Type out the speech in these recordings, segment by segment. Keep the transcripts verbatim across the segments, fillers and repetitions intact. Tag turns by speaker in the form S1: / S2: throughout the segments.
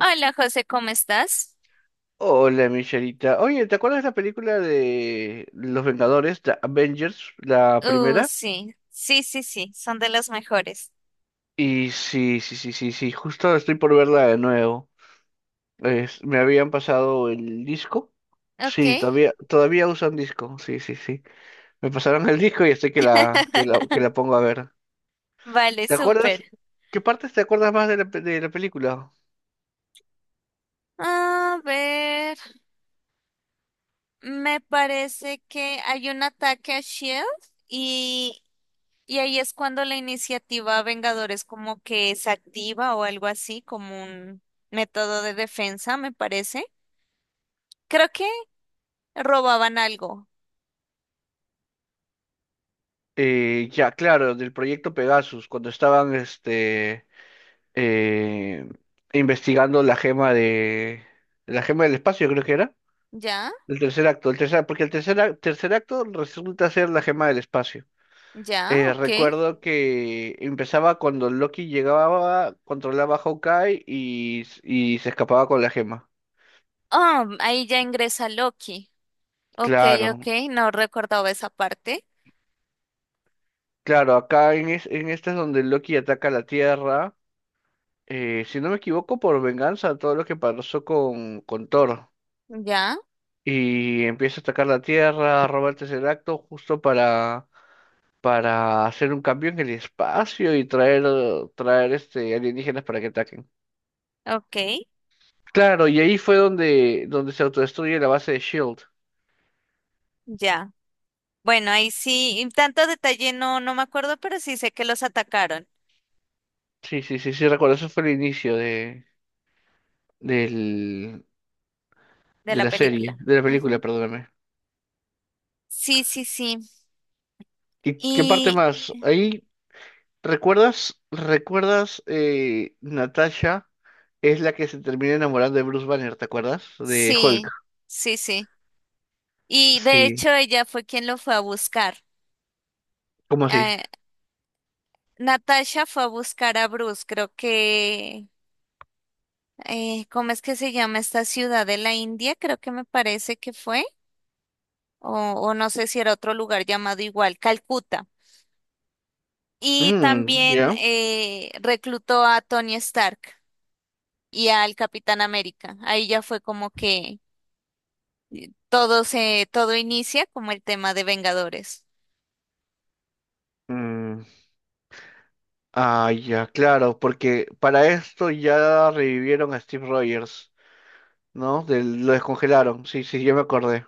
S1: Hola José, ¿cómo estás?
S2: Hola, Michelita. Oye, ¿te acuerdas de la película de Los Vengadores, The Avengers, la
S1: Uh,
S2: primera?
S1: sí, sí, sí, sí, son de los mejores.
S2: Y sí, sí, sí, sí, sí, justo estoy por verla de nuevo. Es- me habían pasado el disco.
S1: Ok,
S2: Sí, todavía, todavía usan disco. Sí, sí, sí. Me pasaron el disco y estoy que la, que la, que la pongo a ver.
S1: vale,
S2: ¿Te
S1: súper.
S2: acuerdas? ¿Qué partes te acuerdas más de la, pe- de la película?
S1: A ver, me parece que hay un ataque a Shield y, y ahí es cuando la iniciativa Vengadores como que se activa o algo así, como un método de defensa, me parece. Creo que robaban algo.
S2: Eh, ya, claro, del proyecto Pegasus, cuando estaban este. eh, investigando la gema de la gema del espacio, creo que era.
S1: Ya,
S2: El tercer acto, el tercer, porque el tercer, ac- tercer acto resulta ser la gema del espacio.
S1: ya,
S2: Eh,
S1: ok.
S2: recuerdo que empezaba cuando Loki llegaba, controlaba a Hawkeye y, s- y se escapaba con la gema.
S1: Ah, ahí ya ingresa Loki. Ok, ok,
S2: Claro,
S1: no recordaba esa parte.
S2: claro, acá en, es- en esta es donde Loki ataca la Tierra, eh, si no me equivoco, por venganza a todo lo que pasó con, con Thor.
S1: Ya,
S2: Y empieza a atacar la Tierra, roba el Tesseracto justo para, para hacer un cambio en el espacio y traer, eh, traer este, alienígenas para que ataquen.
S1: ok,
S2: Claro, y ahí fue donde, donde se autodestruye la base de Shield.
S1: ya. Bueno, ahí sí, y tanto detalle no, no me acuerdo, pero sí sé que los atacaron
S2: Sí, sí, sí, sí, recuerdo, eso fue el inicio de, del,
S1: de
S2: de
S1: la
S2: la serie,
S1: película.
S2: de la película,
S1: Ujú.
S2: perdóname.
S1: Sí, sí, sí.
S2: ¿Y qué parte
S1: Y
S2: más? Ahí, ¿recuerdas? ¿Recuerdas eh, Natasha? Es la que se termina enamorando de Bruce Banner, ¿te acuerdas? De Hulk.
S1: sí, sí, sí. Y de
S2: Sí.
S1: hecho ella fue quien lo fue a buscar.
S2: ¿Cómo así?
S1: Eh, Natasha fue a buscar a Bruce, creo que, eh, ¿cómo es que se llama esta ciudad de la India? Creo que me parece que fue, o, o no sé si era otro lugar llamado igual, Calcuta. Y
S2: Mm,
S1: también
S2: ya.
S1: eh, reclutó a Tony Stark y al Capitán América. Ahí ya fue como que todo se, todo inicia como el tema de Vengadores.
S2: Mm, ah, ya, claro, porque para esto ya revivieron a Steve Rogers, ¿no? Del- lo descongelaron. Sí, sí, ya me acordé.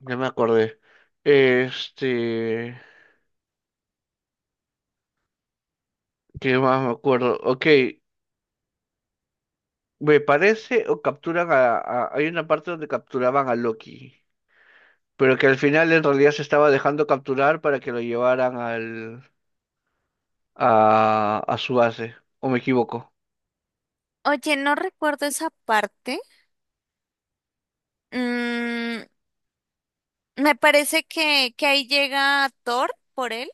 S2: Ya me acordé. Este, ¿Qué más me acuerdo? Ok, me parece o capturan a, a- hay una parte donde capturaban a Loki, pero que al final en realidad se estaba dejando capturar para que lo llevaran al, a, a su base, ¿o me equivoco?
S1: Oye, no recuerdo esa parte. Mm, me parece que, que ahí llega Thor por él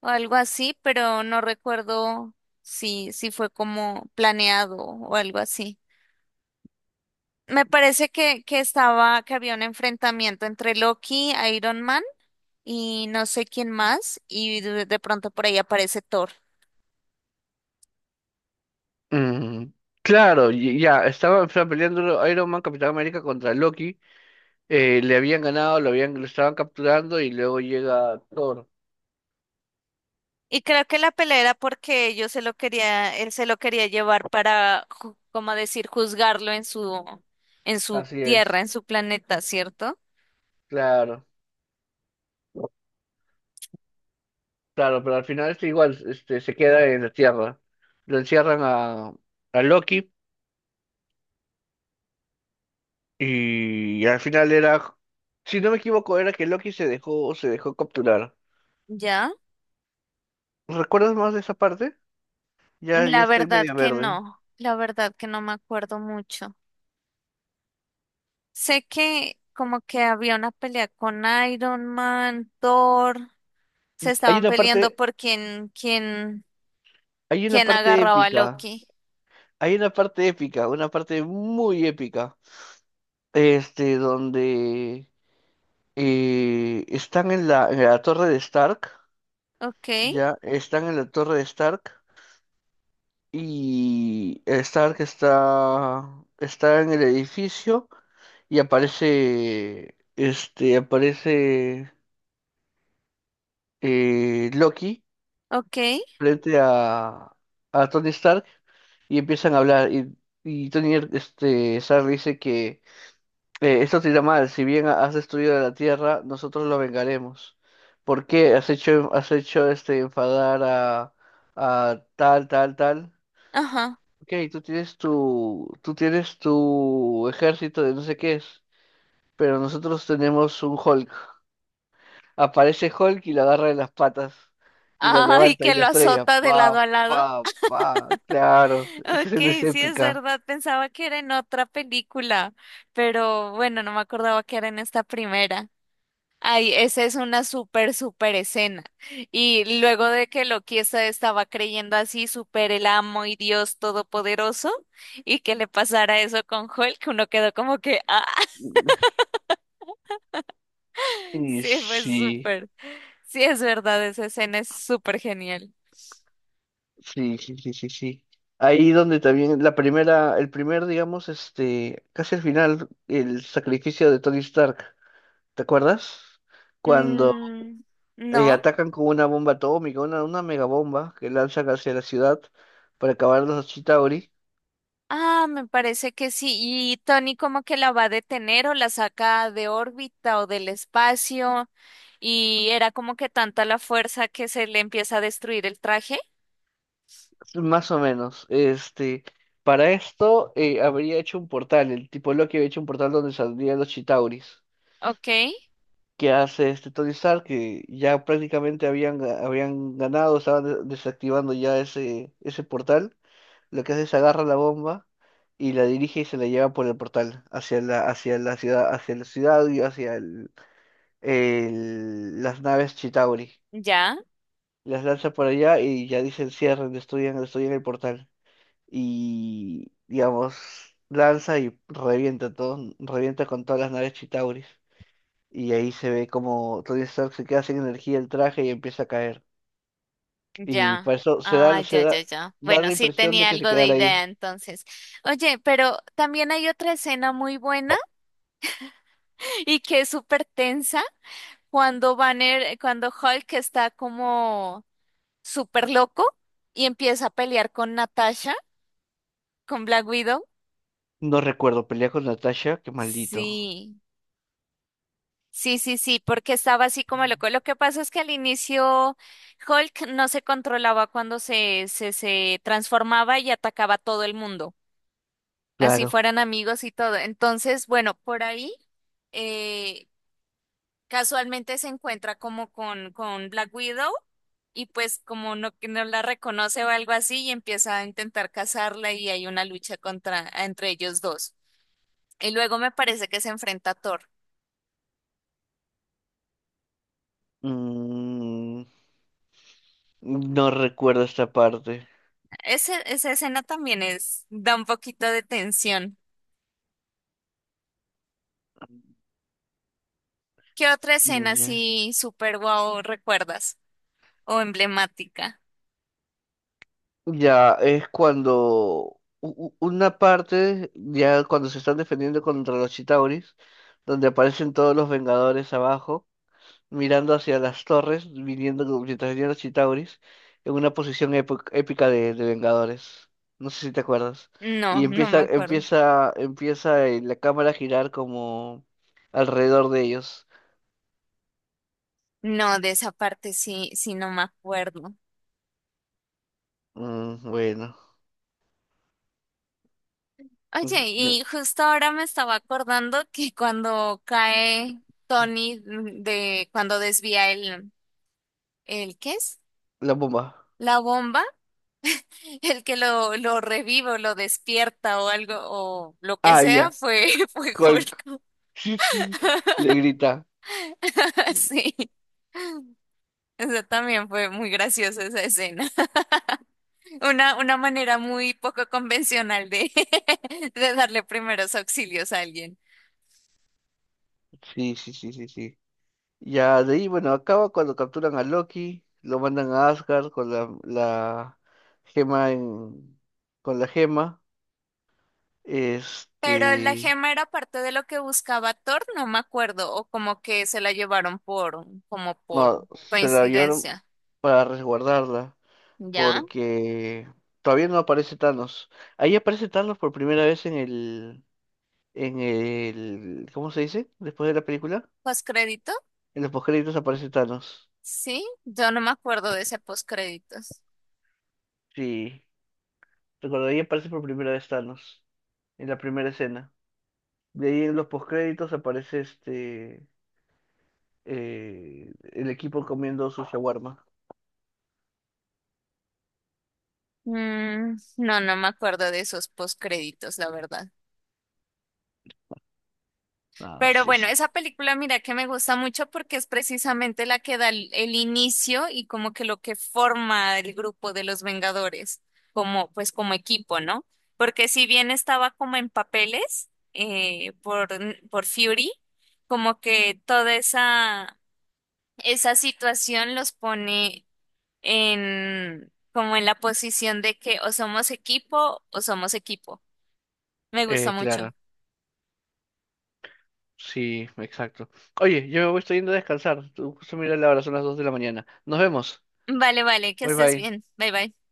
S1: o algo así, pero no recuerdo si, si fue como planeado o algo así. Me parece que, que estaba, que había un enfrentamiento entre Loki, Iron Man y no sé quién más, y de, de pronto por ahí aparece Thor.
S2: Mm, claro, y- ya, estaba, estaba peleando Iron Man, Capitán América contra Loki, eh, le habían ganado, lo habían, lo estaban capturando y luego llega Thor.
S1: Y creo que la pelea era porque yo se lo quería, él se lo quería llevar para, ju- como decir, juzgarlo en su, en su
S2: Así
S1: tierra,
S2: es,
S1: en su planeta, ¿cierto?
S2: claro, claro, pero al final este igual, este, se queda en la Tierra. Lo encierran a, a Loki y al final era, si no me equivoco, era que Loki se dejó, se dejó capturar.
S1: ¿Ya?
S2: ¿Recuerdas más de esa parte? Ya, ya
S1: La
S2: estoy
S1: verdad
S2: media
S1: que
S2: verde.
S1: no, la verdad que no me acuerdo mucho. Sé que como que había una pelea con Iron Man, Thor, se
S2: Hay
S1: estaban
S2: una
S1: peleando
S2: parte,
S1: por quién, quién,
S2: hay una
S1: quién
S2: parte
S1: agarraba a
S2: épica.
S1: Loki.
S2: Hay una parte épica, una parte muy épica, este, donde eh, están en la, en la torre de Stark,
S1: Ok,
S2: ya, están en la torre de Stark y Stark está, está en el edificio y aparece, este, aparece eh, Loki
S1: ok,
S2: frente a, a Tony Stark y empiezan a hablar y, y Tony, este, Stark dice que Eh, esto te irá mal, si bien has destruido la tierra, nosotros lo vengaremos. ¿Por qué has hecho, has hecho este enfadar a, a tal, tal, tal?
S1: ajá.
S2: Ok, tú tienes tu, tú tienes tu ejército de no sé qué es, pero nosotros tenemos un Hulk. Aparece Hulk y lo agarra de las patas y lo
S1: Ay,
S2: levanta
S1: que
S2: y la
S1: lo
S2: estrella.
S1: azota de lado
S2: Pa,
S1: a lado.
S2: pa, pa, claro, esa
S1: Ok,
S2: escena es
S1: sí es
S2: épica.
S1: verdad, pensaba que era en otra película, pero bueno, no me acordaba que era en esta primera. Ay, esa es una súper, súper escena. Y luego de que Loki esta- estaba creyendo así, súper el amo y Dios todopoderoso, y que le pasara eso con Hulk, uno quedó como que, ah,
S2: Y
S1: sí, fue
S2: sí.
S1: súper. Sí es verdad, esa escena es súper genial.
S2: Sí, sí, sí, sí, sí. Ahí donde también la primera, el primer, digamos, este, casi al final, el sacrificio de Tony Stark, ¿te acuerdas? Cuando
S1: Mm,
S2: eh,
S1: ¿no?
S2: atacan con una bomba atómica, una, una megabomba que lanzan hacia la ciudad para acabar los Chitauri,
S1: Ah, me parece que sí. Y Tony como que la va a detener o la saca de órbita o del espacio. Y era como que tanta la fuerza que se le empieza a destruir el traje.
S2: más o menos. Este, para esto eh, habría hecho un portal, el tipo Loki había hecho un portal donde saldrían los Chitauris.
S1: Ok,
S2: Que hace este Tony Stark, que ya prácticamente habían, ga- habían ganado, estaban de- desactivando ya ese, ese portal, lo que hace es agarra la bomba y la dirige y se la lleva por el portal hacia la, hacia la ciudad, hacia la ciudad y hacia el, el- las naves Chitauri.
S1: ya,
S2: Las lanza por allá y ya dicen cierren, destruyan, destruyan el portal. Y digamos, lanza y revienta todo, revienta con todas las naves Chitauris. Y ahí se ve como Tony Stark se queda sin energía el traje y empieza a caer. Y
S1: ya.
S2: para eso se
S1: Ah,
S2: da, se
S1: ya, ya,
S2: da,
S1: ya.
S2: da
S1: Bueno,
S2: la
S1: sí
S2: impresión de
S1: tenía
S2: que se
S1: algo de
S2: quedará
S1: idea
S2: ahí.
S1: entonces. Oye, pero también hay otra escena muy buena y que es súper tensa cuando Banner, cuando Hulk está como súper loco y empieza a pelear con Natasha. ¿Con Black Widow?
S2: No recuerdo, pelea con Natasha, qué maldito.
S1: Sí, sí, sí, sí, porque estaba así como loco. Lo que pasa es que al inicio Hulk no se controlaba cuando se, se, se transformaba y atacaba a todo el mundo, así
S2: Claro.
S1: fueran amigos y todo. Entonces, bueno, por ahí eh, casualmente se encuentra como con, con Black Widow y pues como no, que no la reconoce o algo así y empieza a intentar cazarla y hay una lucha contra, entre ellos dos. Y luego me parece que se enfrenta a Thor.
S2: Mm, no recuerdo esta parte.
S1: Ese- esa escena también es, da un poquito de tensión. ¿Qué otra
S2: Mm,
S1: escena
S2: ya.
S1: así súper guau recuerdas? O emblemática.
S2: Ya, es cuando u- u- una parte, ya cuando se están defendiendo contra los Chitauris, donde aparecen todos los Vengadores abajo, mirando hacia las torres, viniendo mientras venían los Chitauris, en una posición épo- épica de, de Vengadores. No sé si te acuerdas.
S1: No,
S2: Y
S1: no me
S2: empieza,
S1: acuerdo.
S2: empieza, empieza eh, la cámara a girar como alrededor de ellos.
S1: No, de esa parte sí, sí no me acuerdo.
S2: Mm, bueno.
S1: Oye,
S2: Ya,
S1: y justo ahora me estaba acordando que cuando cae Tony de, cuando desvía el, el, ¿qué es?
S2: la bomba.
S1: La bomba, el que lo, lo revive o lo despierta o algo, o lo que
S2: Ah,
S1: sea,
S2: ya.
S1: fue, fue
S2: Hulk.
S1: Hulk.
S2: Sí, sí. Le grita.
S1: Sí. Eso también fue muy graciosa esa escena. Una, una manera muy poco convencional de, de darle primeros auxilios a alguien.
S2: Sí, sí, sí, sí, sí. Ya de ahí, bueno, acaba cuando capturan a Loki, lo mandan a Asgard con la, la gema en, con la gema.
S1: Pero la
S2: Este,
S1: gema era parte de lo que buscaba Thor, no me acuerdo, o como que se la llevaron por, como por
S2: no, se la llevaron
S1: coincidencia.
S2: para resguardarla
S1: ¿Ya?
S2: porque todavía no aparece Thanos. Ahí aparece Thanos por primera vez en el, en el, ¿cómo se dice? Después de la película,
S1: ¿Postcrédito?
S2: en los postcréditos aparece Thanos.
S1: Sí, yo no me acuerdo de ese postcréditos.
S2: Sí, recuerdo, ahí aparece por primera vez Thanos en la primera escena. De ahí en los postcréditos aparece este, eh, el equipo comiendo su shawarma.
S1: Mm, no, no me acuerdo de esos postcréditos, la verdad.
S2: Ah,
S1: Pero
S2: sí,
S1: bueno,
S2: sí.
S1: esa película mira que me gusta mucho porque es precisamente la que da el, el inicio y como que lo que forma el grupo de los Vengadores, como pues como equipo, ¿no? Porque si bien estaba como en papeles eh, por, por Fury, como que toda esa, esa situación los pone en como en la posición de que o somos equipo o somos equipo. Me gusta
S2: Eh,
S1: mucho.
S2: claro. Sí, exacto. Oye, yo me voy estoy yendo a descansar. Tú justo mira la hora, son las dos de la mañana. Nos vemos.
S1: Vale, vale, que
S2: Bye
S1: estés
S2: bye.
S1: bien. Bye, bye.